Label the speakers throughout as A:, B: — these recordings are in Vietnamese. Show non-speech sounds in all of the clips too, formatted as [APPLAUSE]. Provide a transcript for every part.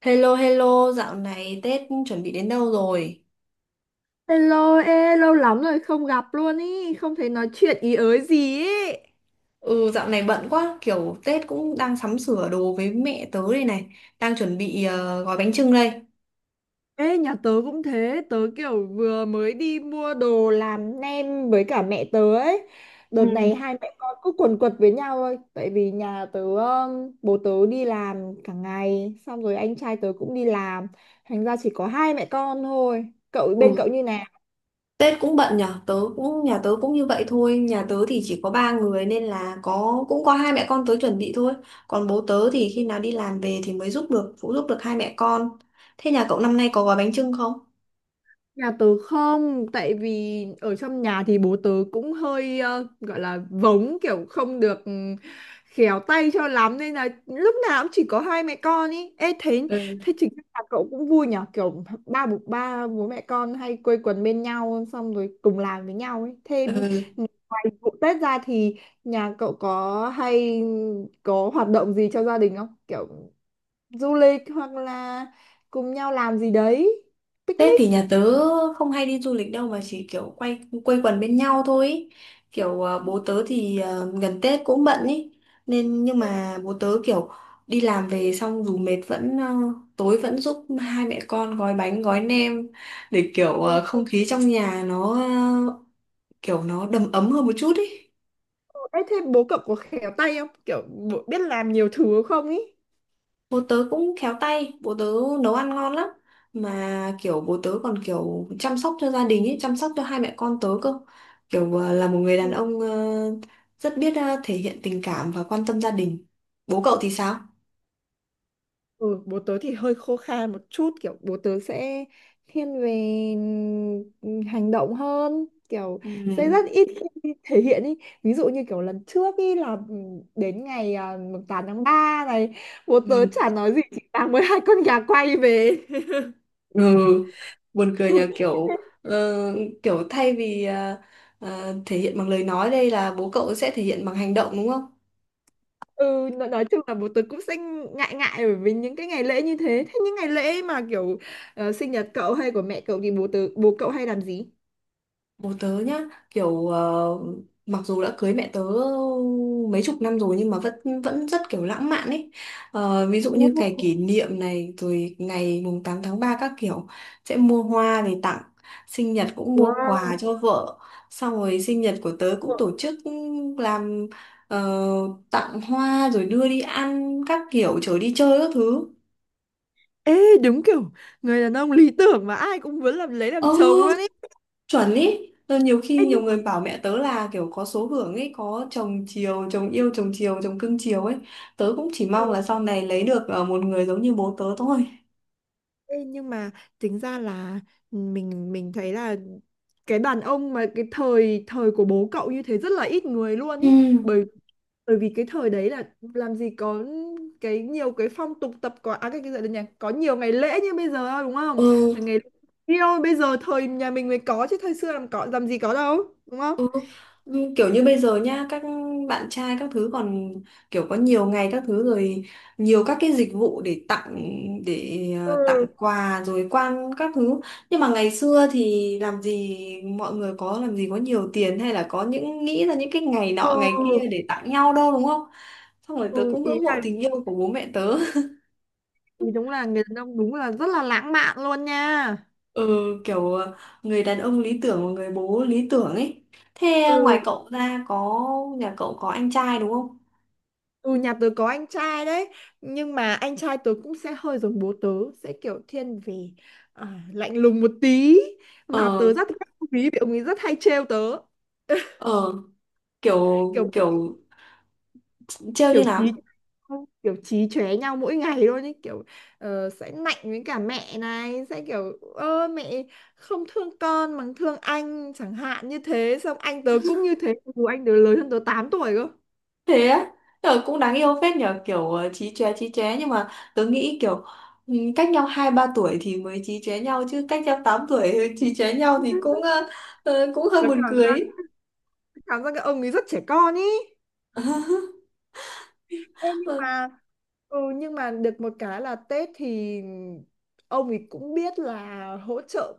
A: Hello hello, dạo này Tết chuẩn bị đến đâu rồi?
B: Hello, ê, lâu lắm rồi không gặp luôn ý, không thấy nói chuyện ý ới gì ý.
A: Ừ, dạo này bận quá, kiểu Tết cũng đang sắm sửa đồ với mẹ tớ đây này, đang chuẩn bị gói bánh chưng đây.
B: Ê, nhà tớ cũng thế, tớ kiểu vừa mới đi mua đồ làm nem với cả mẹ tớ ấy.
A: Ừ.
B: Đợt này hai mẹ con cứ quần quật với nhau thôi, tại vì nhà tớ, bố tớ đi làm cả ngày, xong rồi anh trai tớ cũng đi làm, thành ra chỉ có hai mẹ con thôi. Cậu bên cậu
A: Ừ.
B: như nào?
A: Tết cũng bận nhở, tớ cũng nhà tớ cũng như vậy thôi, nhà tớ thì chỉ có ba người nên là có hai mẹ con tớ chuẩn bị thôi, còn bố tớ thì khi nào đi làm về thì mới giúp được phụ giúp được hai mẹ con. Thế nhà cậu năm nay có gói bánh chưng không?
B: Nhà tớ không, tại vì ở trong nhà thì bố tớ cũng hơi gọi là vống kiểu không được khéo tay cho lắm nên là lúc nào cũng chỉ có hai mẹ con ý. Ê, thế
A: Ừ.
B: thế chính là cậu cũng vui nhở, kiểu ba bố mẹ con hay quây quần bên nhau xong rồi cùng làm với nhau ấy. Thêm
A: Ừ.
B: ngoài vụ Tết ra thì nhà cậu có hoạt động gì cho gia đình không? Kiểu du lịch hoặc là cùng nhau làm gì đấy,
A: Tết
B: picnic.
A: thì nhà tớ không hay đi du lịch đâu mà chỉ kiểu quây quần bên nhau thôi ý. Kiểu bố tớ thì gần Tết cũng bận ý, nên nhưng mà bố tớ kiểu đi làm về xong dù mệt vẫn tối vẫn giúp hai mẹ con gói bánh gói nem để kiểu
B: Ồ.
A: không khí trong nhà nó ờ, kiểu nó đầm ấm hơn một chút ý.
B: Ê, thế bố cậu có khéo tay không? Kiểu bố biết làm nhiều thứ không ý?
A: Bố tớ cũng khéo tay, bố tớ nấu ăn ngon lắm. Mà kiểu bố tớ còn kiểu chăm sóc cho gia đình ấy, chăm sóc cho hai mẹ con tớ cơ. Kiểu là một người đàn ông rất biết thể hiện tình cảm và quan tâm gia đình. Bố cậu thì sao?
B: Ừ, bố tớ thì hơi khô khan một chút, kiểu bố tớ sẽ thiên về ừ, hành động hơn, kiểu
A: Ừ.
B: sẽ rất ít khi thể hiện ý. Ví dụ như kiểu lần trước ý là đến ngày à, mùng 8 tháng 3 này, bố tớ
A: Ừ.
B: chả nói gì chỉ mang mới hai con gà quay về.
A: Ừ, buồn cười nhờ, kiểu
B: [LAUGHS]
A: ờ, kiểu thay vì thể hiện bằng lời nói đây là bố cậu sẽ thể hiện bằng hành động đúng không?
B: Ừ, nói chung là bố tớ cũng sẽ ngại ngại bởi vì những cái ngày lễ như thế. Thế những ngày lễ mà kiểu sinh nhật cậu hay của mẹ cậu thì bố cậu hay làm gì?
A: Bố tớ nhá, kiểu mặc dù đã cưới mẹ tớ mấy chục năm rồi nhưng mà vẫn vẫn rất kiểu lãng mạn ấy. Ờ, ví dụ như ngày
B: Ồ.
A: kỷ niệm này rồi ngày mùng 8 tháng 3 các kiểu, sẽ mua hoa về tặng, sinh nhật cũng mua quà
B: Wow.
A: cho vợ, xong rồi sinh nhật của tớ cũng tổ chức làm ờ, tặng hoa rồi đưa đi ăn các kiểu chở đi chơi các thứ.
B: Ê, đúng kiểu người đàn ông lý tưởng mà ai cũng muốn lấy làm
A: Ờ,
B: chồng luôn ấy.
A: chuẩn ý. Ờ, nhiều
B: Ê,
A: khi nhiều
B: nhưng
A: người bảo mẹ tớ là kiểu có số hưởng ấy, có chồng chiều chồng yêu chồng chiều chồng cưng chiều ấy. Tớ cũng chỉ mong là sau này lấy được một người giống như bố tớ thôi.
B: Ê, nhưng mà tính ra là mình thấy là cái đàn ông mà cái thời thời của bố cậu như thế rất là ít người luôn
A: Ừ.
B: ý, bởi bởi vì cái thời đấy là làm gì có cái nhiều cái phong tục tập quán à, cái gì nhỉ, có nhiều ngày lễ như bây giờ đâu, đúng không?
A: Ừ.
B: Ngày yêu bây giờ thời nhà mình mới có chứ thời xưa làm gì có đâu, đúng không?
A: Như kiểu như bây giờ nhá, các bạn trai các thứ còn kiểu có nhiều ngày các thứ rồi, nhiều các cái dịch vụ để tặng, tặng
B: Ừ,
A: quà rồi quang các thứ, nhưng mà ngày xưa thì làm gì mọi người có làm gì có nhiều tiền hay là có những nghĩ ra những cái ngày nọ ngày kia
B: ừ,
A: để tặng nhau đâu đúng không. Xong rồi
B: ừ,
A: tớ cũng
B: ý
A: ngưỡng
B: là
A: mộ tình yêu của bố mẹ tớ.
B: thì đúng là người đàn ông đúng là rất là lãng mạn luôn nha.
A: [LAUGHS] Ừ, kiểu người đàn ông lý tưởng và người bố lý tưởng ấy. Thế ngoài
B: Ừ.
A: cậu ra nhà cậu có anh trai đúng không?
B: Ừ, nhà tớ có anh trai đấy, nhưng mà anh trai tớ cũng sẽ hơi giống bố tớ, sẽ kiểu thiên về à, lạnh lùng một tí mà
A: ờ
B: tớ rất thích ông ý vì ông ấy rất hay trêu tớ. [LAUGHS]
A: ờ kiểu
B: kiểu
A: kiểu trêu như
B: kiểu
A: nào?
B: chí [LAUGHS] Kiểu chí chóe nhau mỗi ngày luôn ấy, kiểu sẽ nạnh với cả mẹ này, sẽ kiểu ơ mẹ không thương con mà thương anh chẳng hạn, như thế xong anh tớ cũng như thế dù anh tớ lớn hơn tớ 8 tuổi cơ.
A: Thế á. Ờ, cũng đáng yêu phết nhờ, kiểu chí chóe nhưng mà tớ nghĩ kiểu cách nhau hai ba tuổi thì mới chí chóe nhau, chứ cách nhau 8 tuổi chí chóe nhau thì
B: Ừ.
A: cũng hơi
B: Tớ
A: buồn
B: cảm
A: cười.
B: giác cảm giác cái ông ấy rất trẻ con ý.
A: [LAUGHS]
B: Ê, nhưng mà được một cái là Tết thì ông ấy cũng biết là hỗ trợ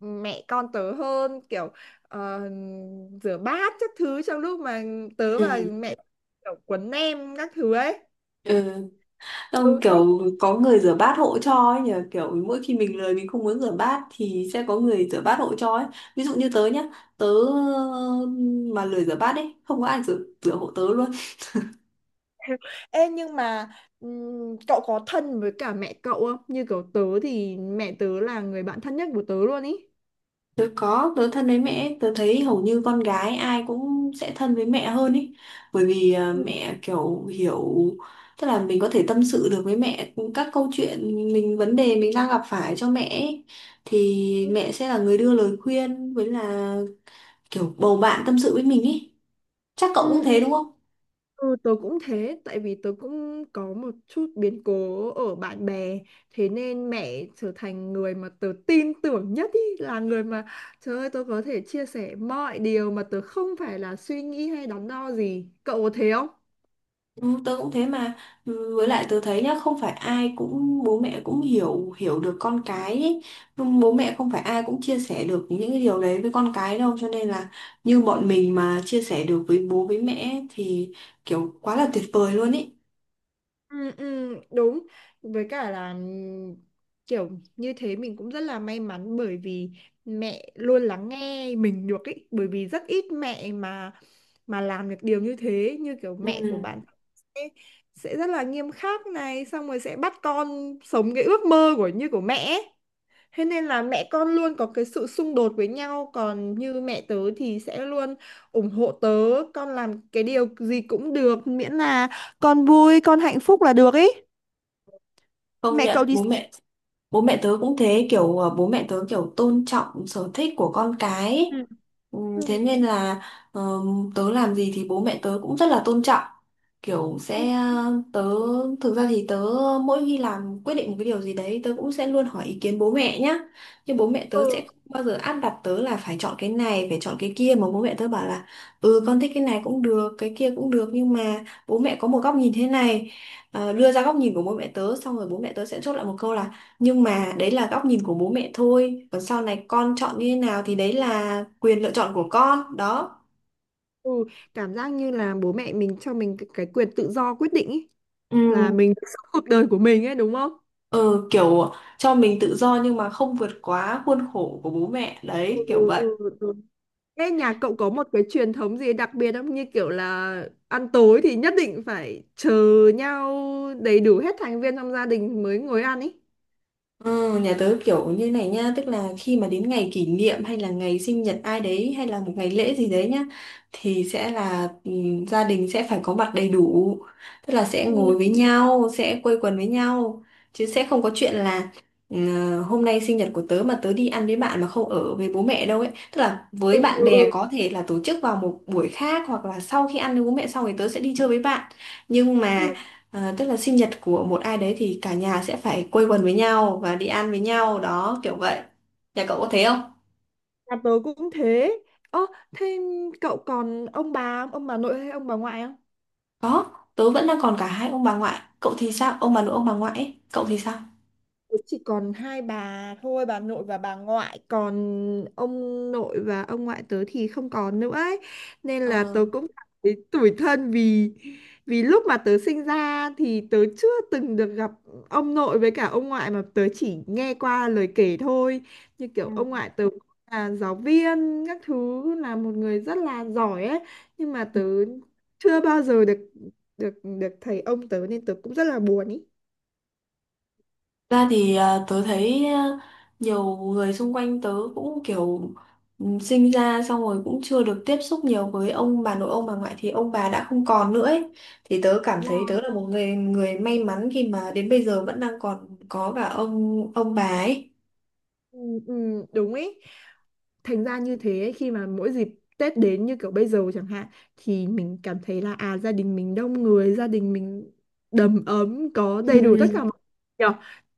B: mẹ con tớ hơn, kiểu ờ, rửa bát các thứ trong lúc mà tớ và
A: Ừ.
B: mẹ kiểu quấn nem các thứ ấy.
A: Ừ.
B: Ừ.
A: Ông kiểu có người rửa bát hộ cho ấy nhờ, kiểu mỗi khi mình lười mình không muốn rửa bát thì sẽ có người rửa bát hộ cho ấy. Ví dụ như tớ nhá, tớ ờ, mà lười rửa bát ấy không có ai rửa rửa hộ tớ luôn.
B: Ê, ê, nhưng mà cậu có thân với cả mẹ cậu không, như kiểu tớ thì mẹ tớ là người bạn thân nhất của tớ luôn ý.
A: Tớ có, tớ thân với mẹ, tớ thấy hầu như con gái ai cũng sẽ thân với mẹ hơn ý. Bởi vì
B: Ừ.
A: mẹ kiểu hiểu, tức là mình có thể tâm sự được với mẹ các câu chuyện, mình vấn đề mình đang gặp phải cho mẹ ý. Thì
B: Ừ,
A: mẹ sẽ là người đưa lời khuyên với là kiểu bầu bạn tâm sự với mình ý. Chắc cậu cũng thế
B: ừ.
A: đúng không?
B: Ừ, tớ cũng thế, tại vì tớ cũng có một chút biến cố ở bạn bè, thế nên mẹ trở thành người mà tớ tin tưởng nhất ý, là người mà trời ơi tớ có thể chia sẻ mọi điều mà tớ không phải là suy nghĩ hay đắn đo gì. Cậu có thế không?
A: Ừ, tớ cũng thế mà. Ừ, với lại tớ thấy nhá, không phải ai cũng bố mẹ cũng hiểu hiểu được con cái ý. Nhưng bố mẹ không phải ai cũng chia sẻ được những cái điều đấy với con cái đâu, cho nên là như bọn mình mà chia sẻ được với bố với mẹ thì kiểu quá là tuyệt vời luôn ý.
B: Ừ, ừ, đúng, với cả là kiểu như thế mình cũng rất là may mắn bởi vì mẹ luôn lắng nghe mình được ý, bởi vì rất ít mẹ mà làm được điều như thế, như kiểu mẹ của
A: Ừ,
B: bạn sẽ, sẽ rất là nghiêm khắc này, xong rồi sẽ bắt con sống cái ước mơ của như của mẹ ấy. Thế nên là mẹ con luôn có cái sự xung đột với nhau, còn như mẹ tớ thì sẽ luôn ủng hộ tớ, con làm cái điều gì cũng được miễn là con vui con hạnh phúc là được ý.
A: công nhận bố mẹ tớ cũng thế, kiểu bố mẹ tớ kiểu tôn trọng sở thích của con cái
B: Ừ.
A: ấy. Ừ,
B: Ừ.
A: thế nên là ờ, tớ làm gì thì bố mẹ tớ cũng rất là tôn trọng. Kiểu
B: Ừ.
A: sẽ ờ, tớ Thực ra thì tớ mỗi khi làm quyết định một cái điều gì đấy tớ cũng sẽ luôn hỏi ý kiến bố mẹ nhá, nhưng bố mẹ
B: Ừ.
A: tớ sẽ không bao giờ áp đặt tớ là phải chọn cái này phải chọn cái kia mà bố mẹ tớ bảo là ừ con thích cái này cũng được cái kia cũng được, nhưng mà bố mẹ có một góc nhìn thế này. Ờ, đưa ra góc nhìn của bố mẹ tớ xong rồi bố mẹ tớ sẽ chốt lại một câu là nhưng mà đấy là góc nhìn của bố mẹ thôi. Còn sau này con chọn như thế nào thì đấy là quyền lựa chọn của con. Đó.
B: Ừ. Cảm giác như là bố mẹ mình cho mình cái quyền tự do quyết định ý,
A: Ừ,
B: là mình được sống cuộc đời của mình ấy, đúng không?
A: ừ, kiểu cho mình tự do nhưng mà không vượt quá khuôn khổ của bố mẹ.
B: Ừ,
A: Đấy, kiểu vậy.
B: ừ, ừ. Thế nhà cậu có một cái truyền thống gì đặc biệt không? Như kiểu là ăn tối thì nhất định phải chờ nhau đầy đủ hết thành viên trong gia đình mới ngồi ăn ý.
A: Ờ, nhà tớ kiểu như này nha, tức là khi mà đến ngày kỷ niệm hay là ngày sinh nhật ai đấy hay là một ngày lễ gì đấy nhá thì sẽ là gia đình sẽ phải có mặt đầy đủ, tức là sẽ
B: Ừ,
A: ngồi với nhau sẽ quây quần với nhau chứ sẽ không có chuyện là hôm nay sinh nhật của tớ mà tớ đi ăn với bạn mà không ở với bố mẹ đâu ấy, tức là với
B: ừ,
A: bạn
B: ừ.
A: bè
B: Ừ.
A: có thể là tổ chức vào một buổi khác hoặc là sau khi ăn với bố mẹ xong thì tớ sẽ đi chơi với bạn, nhưng
B: Ừ.
A: mà à, tức là sinh nhật của một ai đấy thì cả nhà sẽ phải quây quần với nhau và đi ăn với nhau đó kiểu vậy. Nhà cậu có thế không?
B: Nhà tớ cũng thế. Ơ, thế cậu còn ông bà nội hay ông bà ngoại?
A: Có, tớ vẫn đang còn cả hai ông bà ngoại. Cậu thì sao? Ông bà nội ông bà ngoại ấy. Cậu thì sao?
B: Chỉ còn hai bà thôi, bà nội và bà ngoại, còn ông nội và ông ngoại tớ thì không còn nữa ấy. Nên là
A: Ờ.
B: tớ cũng cảm thấy tủi thân vì vì lúc mà tớ sinh ra thì tớ chưa từng được gặp ông nội với cả ông ngoại, mà tớ chỉ nghe qua lời kể thôi, như kiểu ông
A: Ừ.
B: ngoại tớ là giáo viên các thứ, là một người rất là giỏi ấy, nhưng mà tớ chưa bao giờ được được được thấy ông tớ nên tớ cũng rất là buồn ý.
A: Tớ thấy nhiều người xung quanh tớ cũng kiểu sinh ra xong rồi cũng chưa được tiếp xúc nhiều với ông bà nội ông bà ngoại thì ông bà đã không còn nữa ấy. Thì tớ cảm
B: Đúng rồi.
A: thấy tớ là một người người may mắn khi mà đến bây giờ vẫn đang còn có cả ông bà ấy.
B: Ừ, ừ, đúng ý, thành ra như thế khi mà mỗi dịp Tết đến như kiểu bây giờ chẳng hạn thì mình cảm thấy là à, gia đình mình đông người, gia đình mình đầm ấm có đầy đủ tất cả
A: Ừ,
B: mọi, nhờ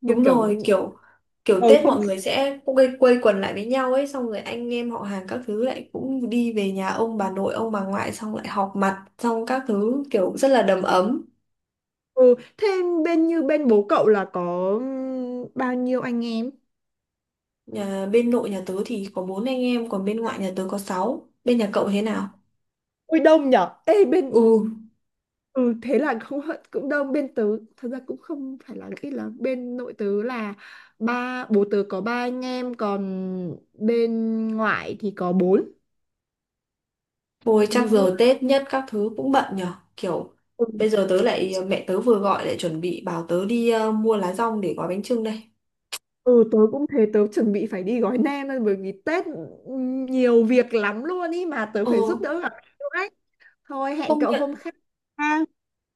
B: như
A: đúng rồi,
B: kiểu
A: kiểu kiểu
B: bầu
A: Tết
B: không
A: mọi
B: khí
A: người sẽ cũng quây quần lại với nhau ấy, xong rồi anh em họ hàng các thứ lại cũng đi về nhà ông bà nội ông bà ngoại xong lại họp mặt xong các thứ kiểu rất là đầm ấm.
B: ừ, thêm như bên bố cậu là có bao nhiêu anh em.
A: Nhà bên nội nhà tớ thì có bốn anh em, còn bên ngoại nhà tớ có sáu. Bên nhà cậu thế nào?
B: Ui đông nhở, ê, bên
A: Ừ,
B: ừ thế là không hận cũng đông, bên tớ thật ra cũng không phải là ít, là bên nội tớ là bố tớ có ba anh em, còn bên ngoại thì có bốn
A: thôi chắc
B: bốn người.
A: giờ Tết nhất các thứ cũng bận nhở, kiểu
B: Ừ.
A: bây giờ tớ lại mẹ tớ vừa gọi lại chuẩn bị bảo tớ đi mua lá dong để gói bánh chưng đây.
B: Ừ, tớ cũng thế, tớ chuẩn bị phải đi gói nem thôi bởi vì Tết nhiều việc lắm luôn ý mà tớ
A: ờ
B: phải giúp đỡ gặp [LAUGHS] cậu đấy. Thôi hẹn
A: Công
B: cậu
A: nhận.
B: hôm khác. Ha.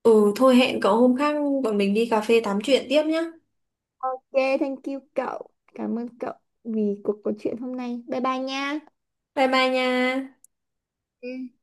A: Ừ, thôi hẹn cậu hôm khác bọn mình đi cà phê tám chuyện tiếp nhá.
B: Ok, thank you cậu. Cảm ơn cậu vì cuộc trò chuyện hôm nay. Bye bye nha.
A: Bye bye nha.
B: Ừ.